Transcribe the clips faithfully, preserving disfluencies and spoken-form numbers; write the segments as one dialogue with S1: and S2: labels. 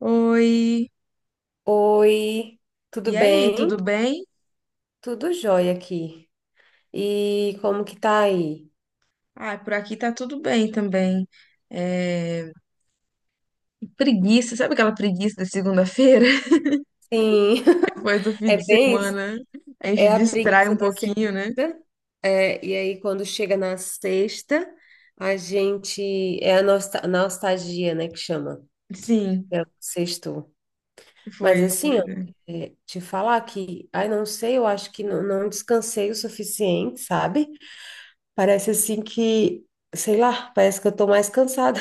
S1: Oi,
S2: Oi, tudo
S1: e aí,
S2: bem?
S1: tudo bem?
S2: Tudo jóia aqui. E como que tá aí?
S1: Ah, por aqui tá tudo bem também. É, Preguiça, sabe aquela preguiça da segunda-feira?
S2: Sim,
S1: Depois do fim de
S2: é bem, isso.
S1: semana, a gente
S2: É a
S1: distrai
S2: preguiça
S1: um
S2: da
S1: pouquinho,
S2: segunda.
S1: né?
S2: É, e aí quando chega na sexta, a gente é a nosta- nostalgia, né, que chama.
S1: Sim,
S2: É o sexto. Mas
S1: foi isso.
S2: assim,
S1: Foi,
S2: ó,
S1: né?
S2: é, te falar que, ai, não sei, eu acho que não, não descansei o suficiente, sabe? Parece assim que, sei lá, parece que eu tô mais cansada.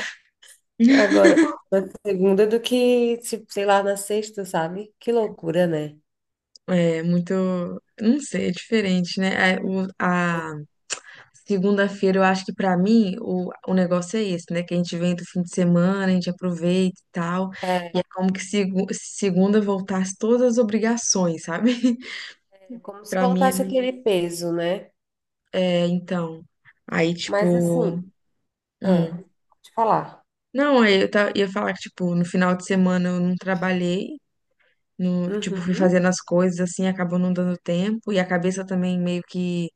S2: Agora, na segunda do que, tipo, sei lá, na sexta, sabe? Que loucura, né?
S1: É muito, não sei, é diferente, né? É, o- A, segunda-feira, eu acho que pra mim o, o negócio é esse, né? Que a gente vem do fim de semana, a gente aproveita e tal.
S2: É,
S1: E é como que segu- se segunda voltasse todas as obrigações, sabe?
S2: é como se
S1: Pra mim é
S2: voltasse
S1: meio...
S2: aquele peso, né?
S1: É, então. Aí,
S2: Mas
S1: tipo.
S2: assim, ah,
S1: hum.
S2: vou te falar.
S1: Não, aí eu ta- ia falar que, tipo, no final de semana eu não trabalhei. No, tipo, fui
S2: Uhum,
S1: fazendo as coisas assim, acabou não dando tempo. E a cabeça também meio que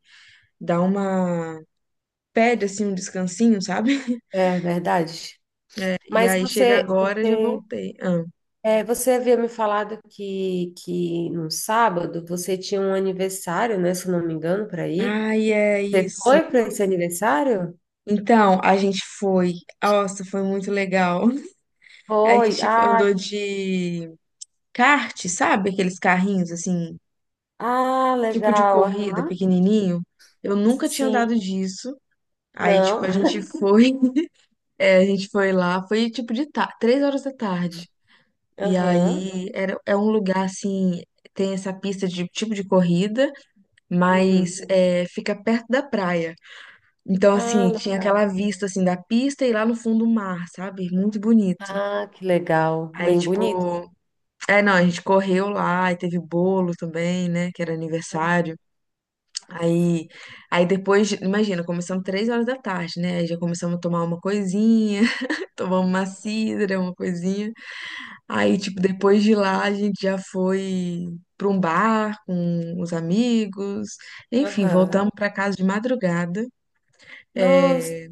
S1: dá uma. Pede assim um descansinho, sabe?
S2: é verdade.
S1: E
S2: Mas
S1: aí chega
S2: você,
S1: agora, já
S2: você,
S1: voltei. Ah.
S2: é, você havia me falado que, que no sábado você tinha um aniversário, né? Se eu não me engano, para ir.
S1: Ai, é
S2: Você
S1: isso.
S2: foi para esse aniversário?
S1: Então, a gente foi. Nossa, foi muito legal. A
S2: Foi.
S1: gente
S2: Ah,
S1: andou de kart, sabe? Aqueles carrinhos assim.
S2: ah,
S1: Tipo de
S2: legal.
S1: corrida
S2: Aham.
S1: pequenininho. Eu nunca tinha
S2: Sim.
S1: andado disso. Aí, tipo,
S2: Não.
S1: a gente foi, é, a gente foi lá, foi tipo de ta- três horas da tarde. E
S2: Aham.
S1: aí era, é um lugar assim, tem essa pista de tipo de corrida,
S2: Uhum.
S1: mas é, fica perto da praia. Então,
S2: Ah,
S1: assim, tinha
S2: legal.
S1: aquela vista assim da pista e lá no fundo o mar, sabe? Muito bonito.
S2: Ah, que legal.
S1: Aí,
S2: Bem bonito.
S1: tipo, é, não, a gente correu lá e teve bolo também, né? Que era
S2: Ah.
S1: aniversário.
S2: Sim.
S1: Aí, aí depois, imagina, começamos três horas da tarde, né? Aí já começamos a tomar uma coisinha, tomamos uma cidra, uma coisinha. Aí, tipo, depois de lá, a gente já foi para um bar com os amigos. Enfim,
S2: Aham.
S1: voltamos para casa de madrugada,
S2: Nossa,
S1: é,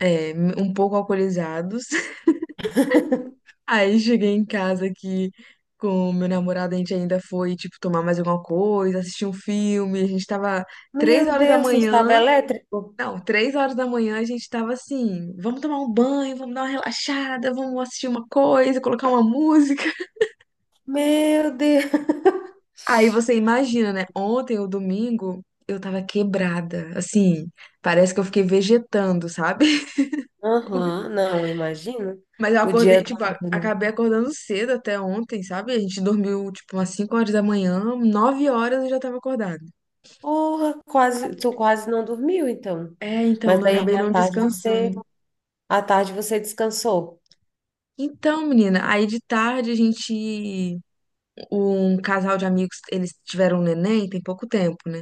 S1: é, um pouco alcoolizados. Aí cheguei em casa aqui com o meu namorado, a gente ainda foi, tipo, tomar mais alguma coisa, assistir um filme. A gente tava três
S2: meu
S1: horas da
S2: Deus, você estava
S1: manhã
S2: elétrico?
S1: Não, três horas da manhã a gente tava assim, vamos tomar um banho, vamos dar uma relaxada, vamos assistir uma coisa, colocar uma música.
S2: Meu Deus.
S1: Aí você imagina, né? Ontem, o domingo, eu tava quebrada, assim, parece que eu fiquei vegetando, sabe?
S2: Aham, não, imagino.
S1: Mas eu
S2: O
S1: acordei,
S2: dia
S1: tipo, a-
S2: todo, né?
S1: acabei acordando cedo até ontem, sabe? A gente dormiu, tipo, umas cinco horas da manhã, nove horas eu já tava acordada.
S2: Porra, quase, tu quase não dormiu, então.
S1: É, então,
S2: Mas
S1: não
S2: aí
S1: acabei
S2: à
S1: não
S2: tarde
S1: descansando.
S2: você, à tarde você descansou.
S1: Então, menina, aí de tarde a gente um casal de amigos, eles tiveram um neném tem pouco tempo, né?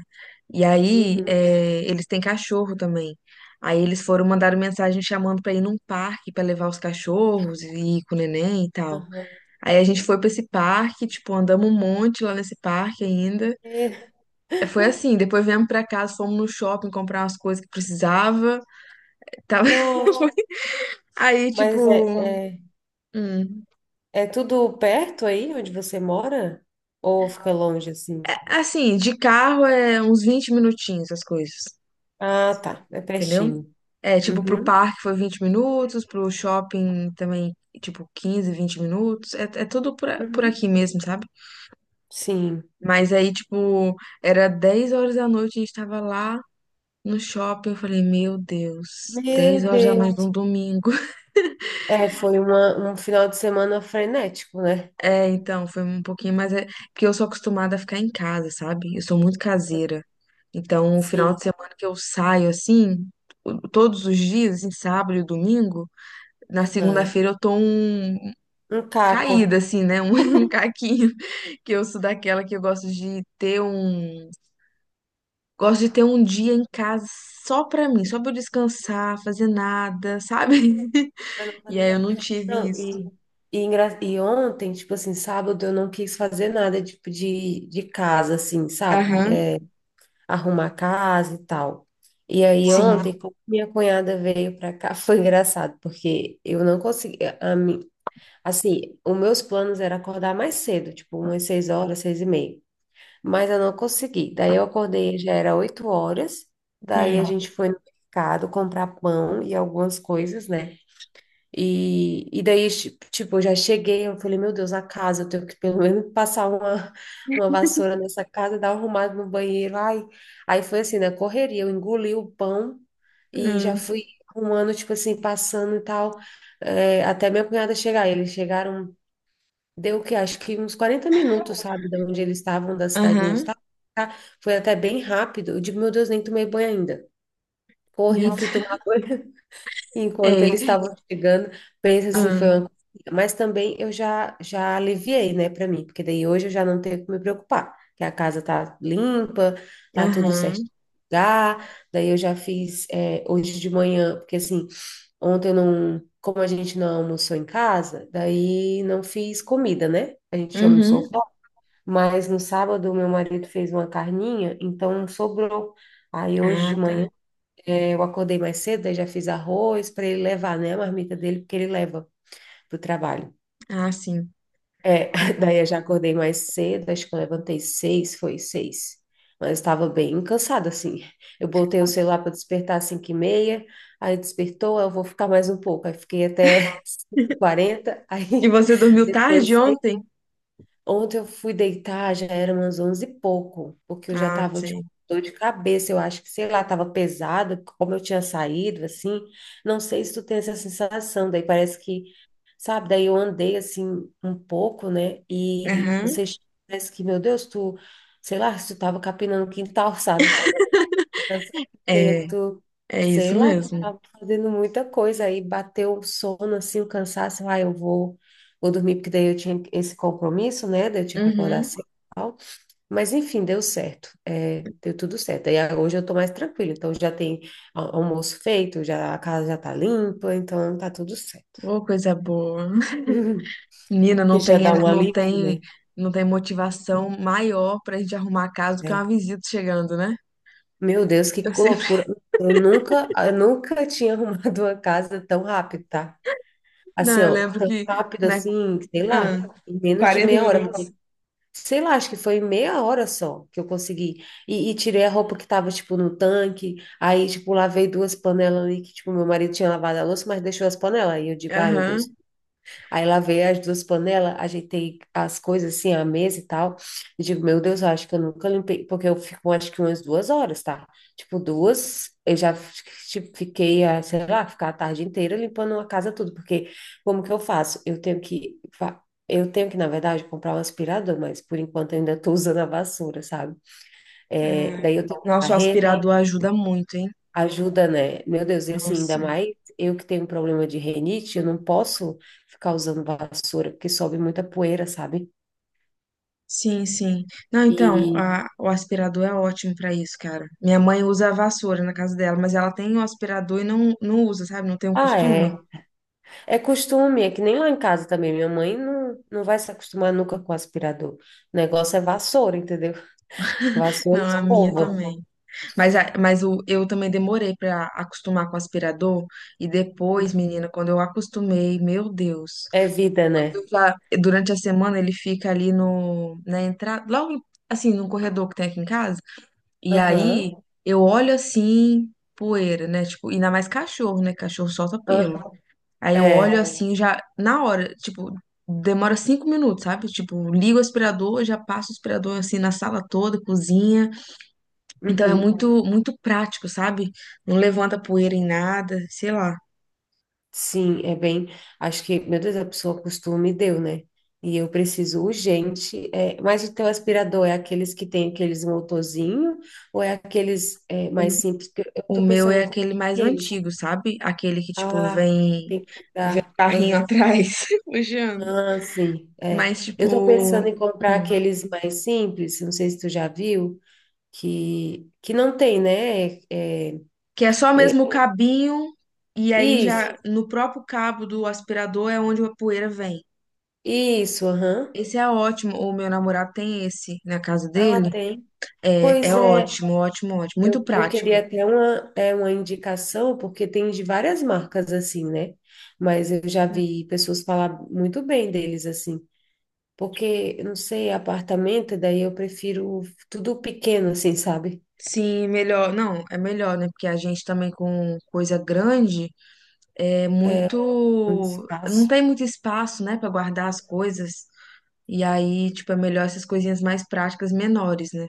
S1: E aí,
S2: Uhum.
S1: é, eles têm cachorro também. Aí eles foram mandar mensagem chamando pra ir num parque pra levar os cachorros e ir com o neném e tal.
S2: Aham.
S1: Aí a gente foi pra esse parque, tipo, andamos um monte lá nesse parque ainda.
S2: E-
S1: É, foi assim, depois viemos pra casa, fomos no shopping comprar umas coisas que precisava. Tava...
S2: Nossa,
S1: Aí,
S2: mas é,
S1: tipo,
S2: é
S1: hum,
S2: é tudo perto aí onde você mora? Ou fica longe assim?
S1: assim, de carro é uns vinte minutinhos as coisas.
S2: Ah, tá. É
S1: Entendeu?
S2: pertinho.
S1: É, tipo, pro
S2: Uhum,
S1: parque foi vinte minutos, pro shopping também, tipo, quinze vinte minutos. É, é tudo por, a- por
S2: uhum.
S1: aqui mesmo, sabe?
S2: Sim.
S1: Mas aí, tipo, era dez horas da noite, a gente tava lá no shopping. Eu falei, meu Deus,
S2: Meu
S1: dez horas da noite
S2: Deus.
S1: num domingo.
S2: É, foi uma, um final de semana frenético, né?
S1: É, então, foi um pouquinho, mas é porque eu sou acostumada a ficar em casa, sabe? Eu sou muito caseira. Então, o final
S2: Sim.
S1: de semana que eu saio assim, o- todos os dias, em sábado e domingo, na
S2: Aham.
S1: segunda-feira eu tô um
S2: Um caco.
S1: caída, assim, né? Um, um caquinho. Que eu sou daquela que eu gosto de ter um. Gosto de ter um dia em casa só pra mim, só pra eu descansar, fazer nada, sabe?
S2: Pra não
S1: E
S2: fazer
S1: aí eu
S2: nada.
S1: não tive
S2: Não,
S1: isso.
S2: e, e, engra- e ontem, tipo assim, sábado eu não quis fazer nada, tipo, de, de casa, assim, sabe?
S1: Aham,
S2: É, arrumar a casa e tal. E aí
S1: sim.
S2: ontem, quando minha cunhada veio para cá, foi engraçado, porque eu não conseguia, a mim- assim, os meus planos era acordar mais cedo, tipo umas seis horas, seis e meia, mas eu não consegui. Daí eu acordei, já era oito horas, daí a
S1: Hum,
S2: gente foi no mercado comprar pão e algumas coisas, né? E, e daí, chi- tipo, eu já cheguei, eu falei, meu Deus, a casa, eu tenho que pelo menos passar uma, uma vassoura nessa casa, dar uma arrumada no banheiro. Ai, aí foi assim, né? Correria, eu engoli o pão e já
S1: hum,
S2: fui arrumando, tipo assim, passando e tal, é, até minha cunhada chegar. Eles chegaram, deu o quê? Acho que uns quarenta minutos, sabe, de onde eles estavam, da cidade onde eles
S1: aham,
S2: estavam. Tá? Foi até bem rápido. Eu digo, meu Deus, nem tomei banho ainda. Corri,
S1: meu
S2: fui
S1: Deus.
S2: tomar banho. Enquanto eles
S1: Ei,
S2: estavam chegando, pensa assim, foi uma
S1: hum,
S2: correria. Mas também eu já, já aliviei, né, para mim, porque daí hoje eu já não tenho que me preocupar, que a casa tá limpa, tá tudo certo
S1: aham,
S2: no lugar. Daí eu já fiz é, hoje de manhã, porque assim, ontem eu não, como a gente não almoçou em casa, daí não fiz comida, né? A gente almoçou
S1: uhum.
S2: fora, mas no sábado meu marido fez uma carninha, então sobrou. Aí hoje
S1: Ah,
S2: de manhã
S1: tá.
S2: é, eu acordei mais cedo, daí já fiz arroz para ele levar, né, a marmita dele, porque ele leva pro trabalho.
S1: Ah, sim.
S2: É, daí eu já acordei mais cedo, acho que eu levantei seis, foi seis. Mas estava bem cansada, assim. Eu botei o celular para despertar às cinco e meia, aí despertou, eu vou ficar mais um pouco. Aí fiquei até cinco e quarenta,
S1: E
S2: aí
S1: você dormiu tarde
S2: depois.
S1: ontem?
S2: Ontem eu fui deitar, já era umas onze e pouco, porque eu já
S1: Ah,
S2: tava, tipo,
S1: sim.
S2: dor de cabeça, eu acho que, sei lá, tava pesada, como eu tinha saído, assim, não sei se tu tem essa sensação, daí parece que, sabe, daí eu andei, assim, um pouco, né, e
S1: Aham,
S2: você parece que, meu Deus, tu, sei lá, se tu tava capinando o quintal, sabe.
S1: é,
S2: Certo.
S1: é
S2: Sei
S1: isso
S2: lá, que eu
S1: mesmo.
S2: tava fazendo muita coisa aí, bateu o sono, assim, o cansaço, ah, eu vou, vou dormir, porque daí eu tinha esse compromisso, né, daí eu tinha que acordar
S1: Uhum.
S2: cedo e tal, mas enfim, deu certo, é, deu tudo certo, aí ah, hoje eu tô mais tranquila, então já tem a- almoço feito, já, a casa já tá limpa, então tá tudo certo,
S1: Ô, coisa boa. Menina,
S2: que
S1: não
S2: já
S1: tem,
S2: dá um
S1: não
S2: alívio,
S1: tem,
S2: né.
S1: não tem motivação maior pra gente arrumar a casa do que
S2: É.
S1: uma visita chegando, né?
S2: Meu Deus, que
S1: Eu sempre.
S2: loucura, eu nunca, eu nunca tinha arrumado uma casa tão rápido, tá?
S1: Não,
S2: Assim,
S1: eu
S2: ó,
S1: lembro
S2: tão
S1: que.
S2: rápido
S1: Né,
S2: assim, sei lá,
S1: ah,
S2: em menos de
S1: quarenta
S2: meia hora,
S1: minutos.
S2: porque, sei lá, acho que foi meia hora só que eu consegui. E, e tirei a roupa que tava, tipo, no tanque, aí, tipo, lavei duas panelas ali que, tipo, meu marido tinha lavado a louça, mas deixou as panelas. Aí eu digo, ai, meu Deus.
S1: Aham.
S2: Aí lavei as duas panelas, ajeitei as coisas assim, a mesa e tal. E digo, meu Deus, eu acho que eu nunca limpei, porque eu fico acho que umas duas horas, tá? Tipo, duas, eu já tipo, fiquei, ah, sei lá, ficar a tarde inteira limpando a casa tudo, porque como que eu faço? Eu tenho que, fa- eu tenho que, na verdade, comprar um aspirador, mas por enquanto eu ainda tô usando a vassoura, sabe? É,
S1: Ah,
S2: daí eu tenho que
S1: nossa, o
S2: varrer.
S1: aspirador ajuda muito, hein?
S2: Ajuda, né? Meu Deus, e assim, ainda
S1: Nossa.
S2: mais eu que tenho problema de rinite, eu não posso ficar usando vassoura, porque sobe muita poeira, sabe?
S1: Sim, sim. Não, então,
S2: E,
S1: a- o aspirador é ótimo pra isso, cara. Minha mãe usa a vassoura na casa dela, mas ela tem o aspirador e não, não usa, sabe? Não tem o
S2: ah,
S1: costume.
S2: é. É costume, é que nem lá em casa também. Minha mãe não, não vai se acostumar nunca com aspirador. O negócio é vassoura, entendeu? Vassoura e
S1: Não, a minha
S2: escova.
S1: também. Mas, a- mas o, eu também demorei para acostumar com o aspirador. E depois, menina, quando eu acostumei, meu Deus.
S2: É vida, né?
S1: Eu já- durante a semana ele fica ali no, na entrada, logo assim, no corredor que tem aqui em casa. E aí
S2: Aham.
S1: eu olho assim, poeira, né? Tipo, ainda mais cachorro, né? Cachorro solta
S2: Ah,
S1: pelo. Aí eu olho
S2: é.
S1: assim, já na hora, tipo, demora cinco minutos, sabe? Tipo, ligo o aspirador, já passo o aspirador assim na sala toda, cozinha. Então é
S2: Uhum.
S1: muito, muito prático, sabe? Não levanta poeira em nada, sei lá.
S2: Sim, é bem. Acho que, meu Deus, a pessoa costume deu, né? E eu preciso urgente. é, mas o teu aspirador é aqueles que tem aqueles motorzinho ou é aqueles é, mais simples? Porque eu
S1: O
S2: tô
S1: meu
S2: pensando
S1: é
S2: em comprar
S1: aquele mais
S2: aqueles.
S1: antigo, sabe? Aquele que, tipo,
S2: Ah, que
S1: vem,
S2: tem que
S1: vem um
S2: dar.
S1: carrinho
S2: Aham,
S1: atrás, puxando.
S2: ah, sim. É.
S1: Mas,
S2: Eu tô pensando
S1: tipo,
S2: em comprar
S1: hum,
S2: aqueles mais simples. Não sei se tu já viu que que não tem, né? É, é,
S1: que é só mesmo o cabinho, e aí
S2: isso,
S1: já no próprio cabo do aspirador é onde a poeira vem.
S2: isso. Aham.
S1: Esse é ótimo. O meu namorado tem esse na casa
S2: Ah,
S1: dele.
S2: tem.
S1: É, é
S2: Pois é.
S1: ótimo, ótimo, ótimo. Muito
S2: Eu, eu
S1: prático.
S2: queria até uma, é, uma indicação, porque tem de várias marcas assim, né? Mas eu já vi pessoas falar muito bem deles assim. Porque, eu não sei, apartamento, daí eu prefiro tudo pequeno, assim, sabe?
S1: Sim, melhor. Não, é melhor, né? Porque a gente também com coisa grande é
S2: É, um
S1: muito. Não
S2: espaço.
S1: tem muito espaço, né, pra guardar as coisas. E aí, tipo, é melhor essas coisinhas mais práticas, menores, né?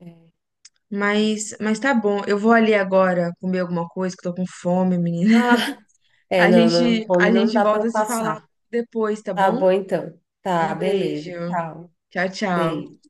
S2: É, tem que ser-
S1: Mas, mas tá bom. Eu vou ali agora comer alguma coisa, que eu tô com fome, menina.
S2: Ah, é,
S1: A
S2: não, não,
S1: gente, a
S2: fome não
S1: gente
S2: dá para
S1: volta a se falar
S2: passar.
S1: depois, tá
S2: Tá
S1: bom?
S2: bom, então. Tá,
S1: Um beijo.
S2: beleza. Tchau.
S1: Tchau, tchau.
S2: Beijo.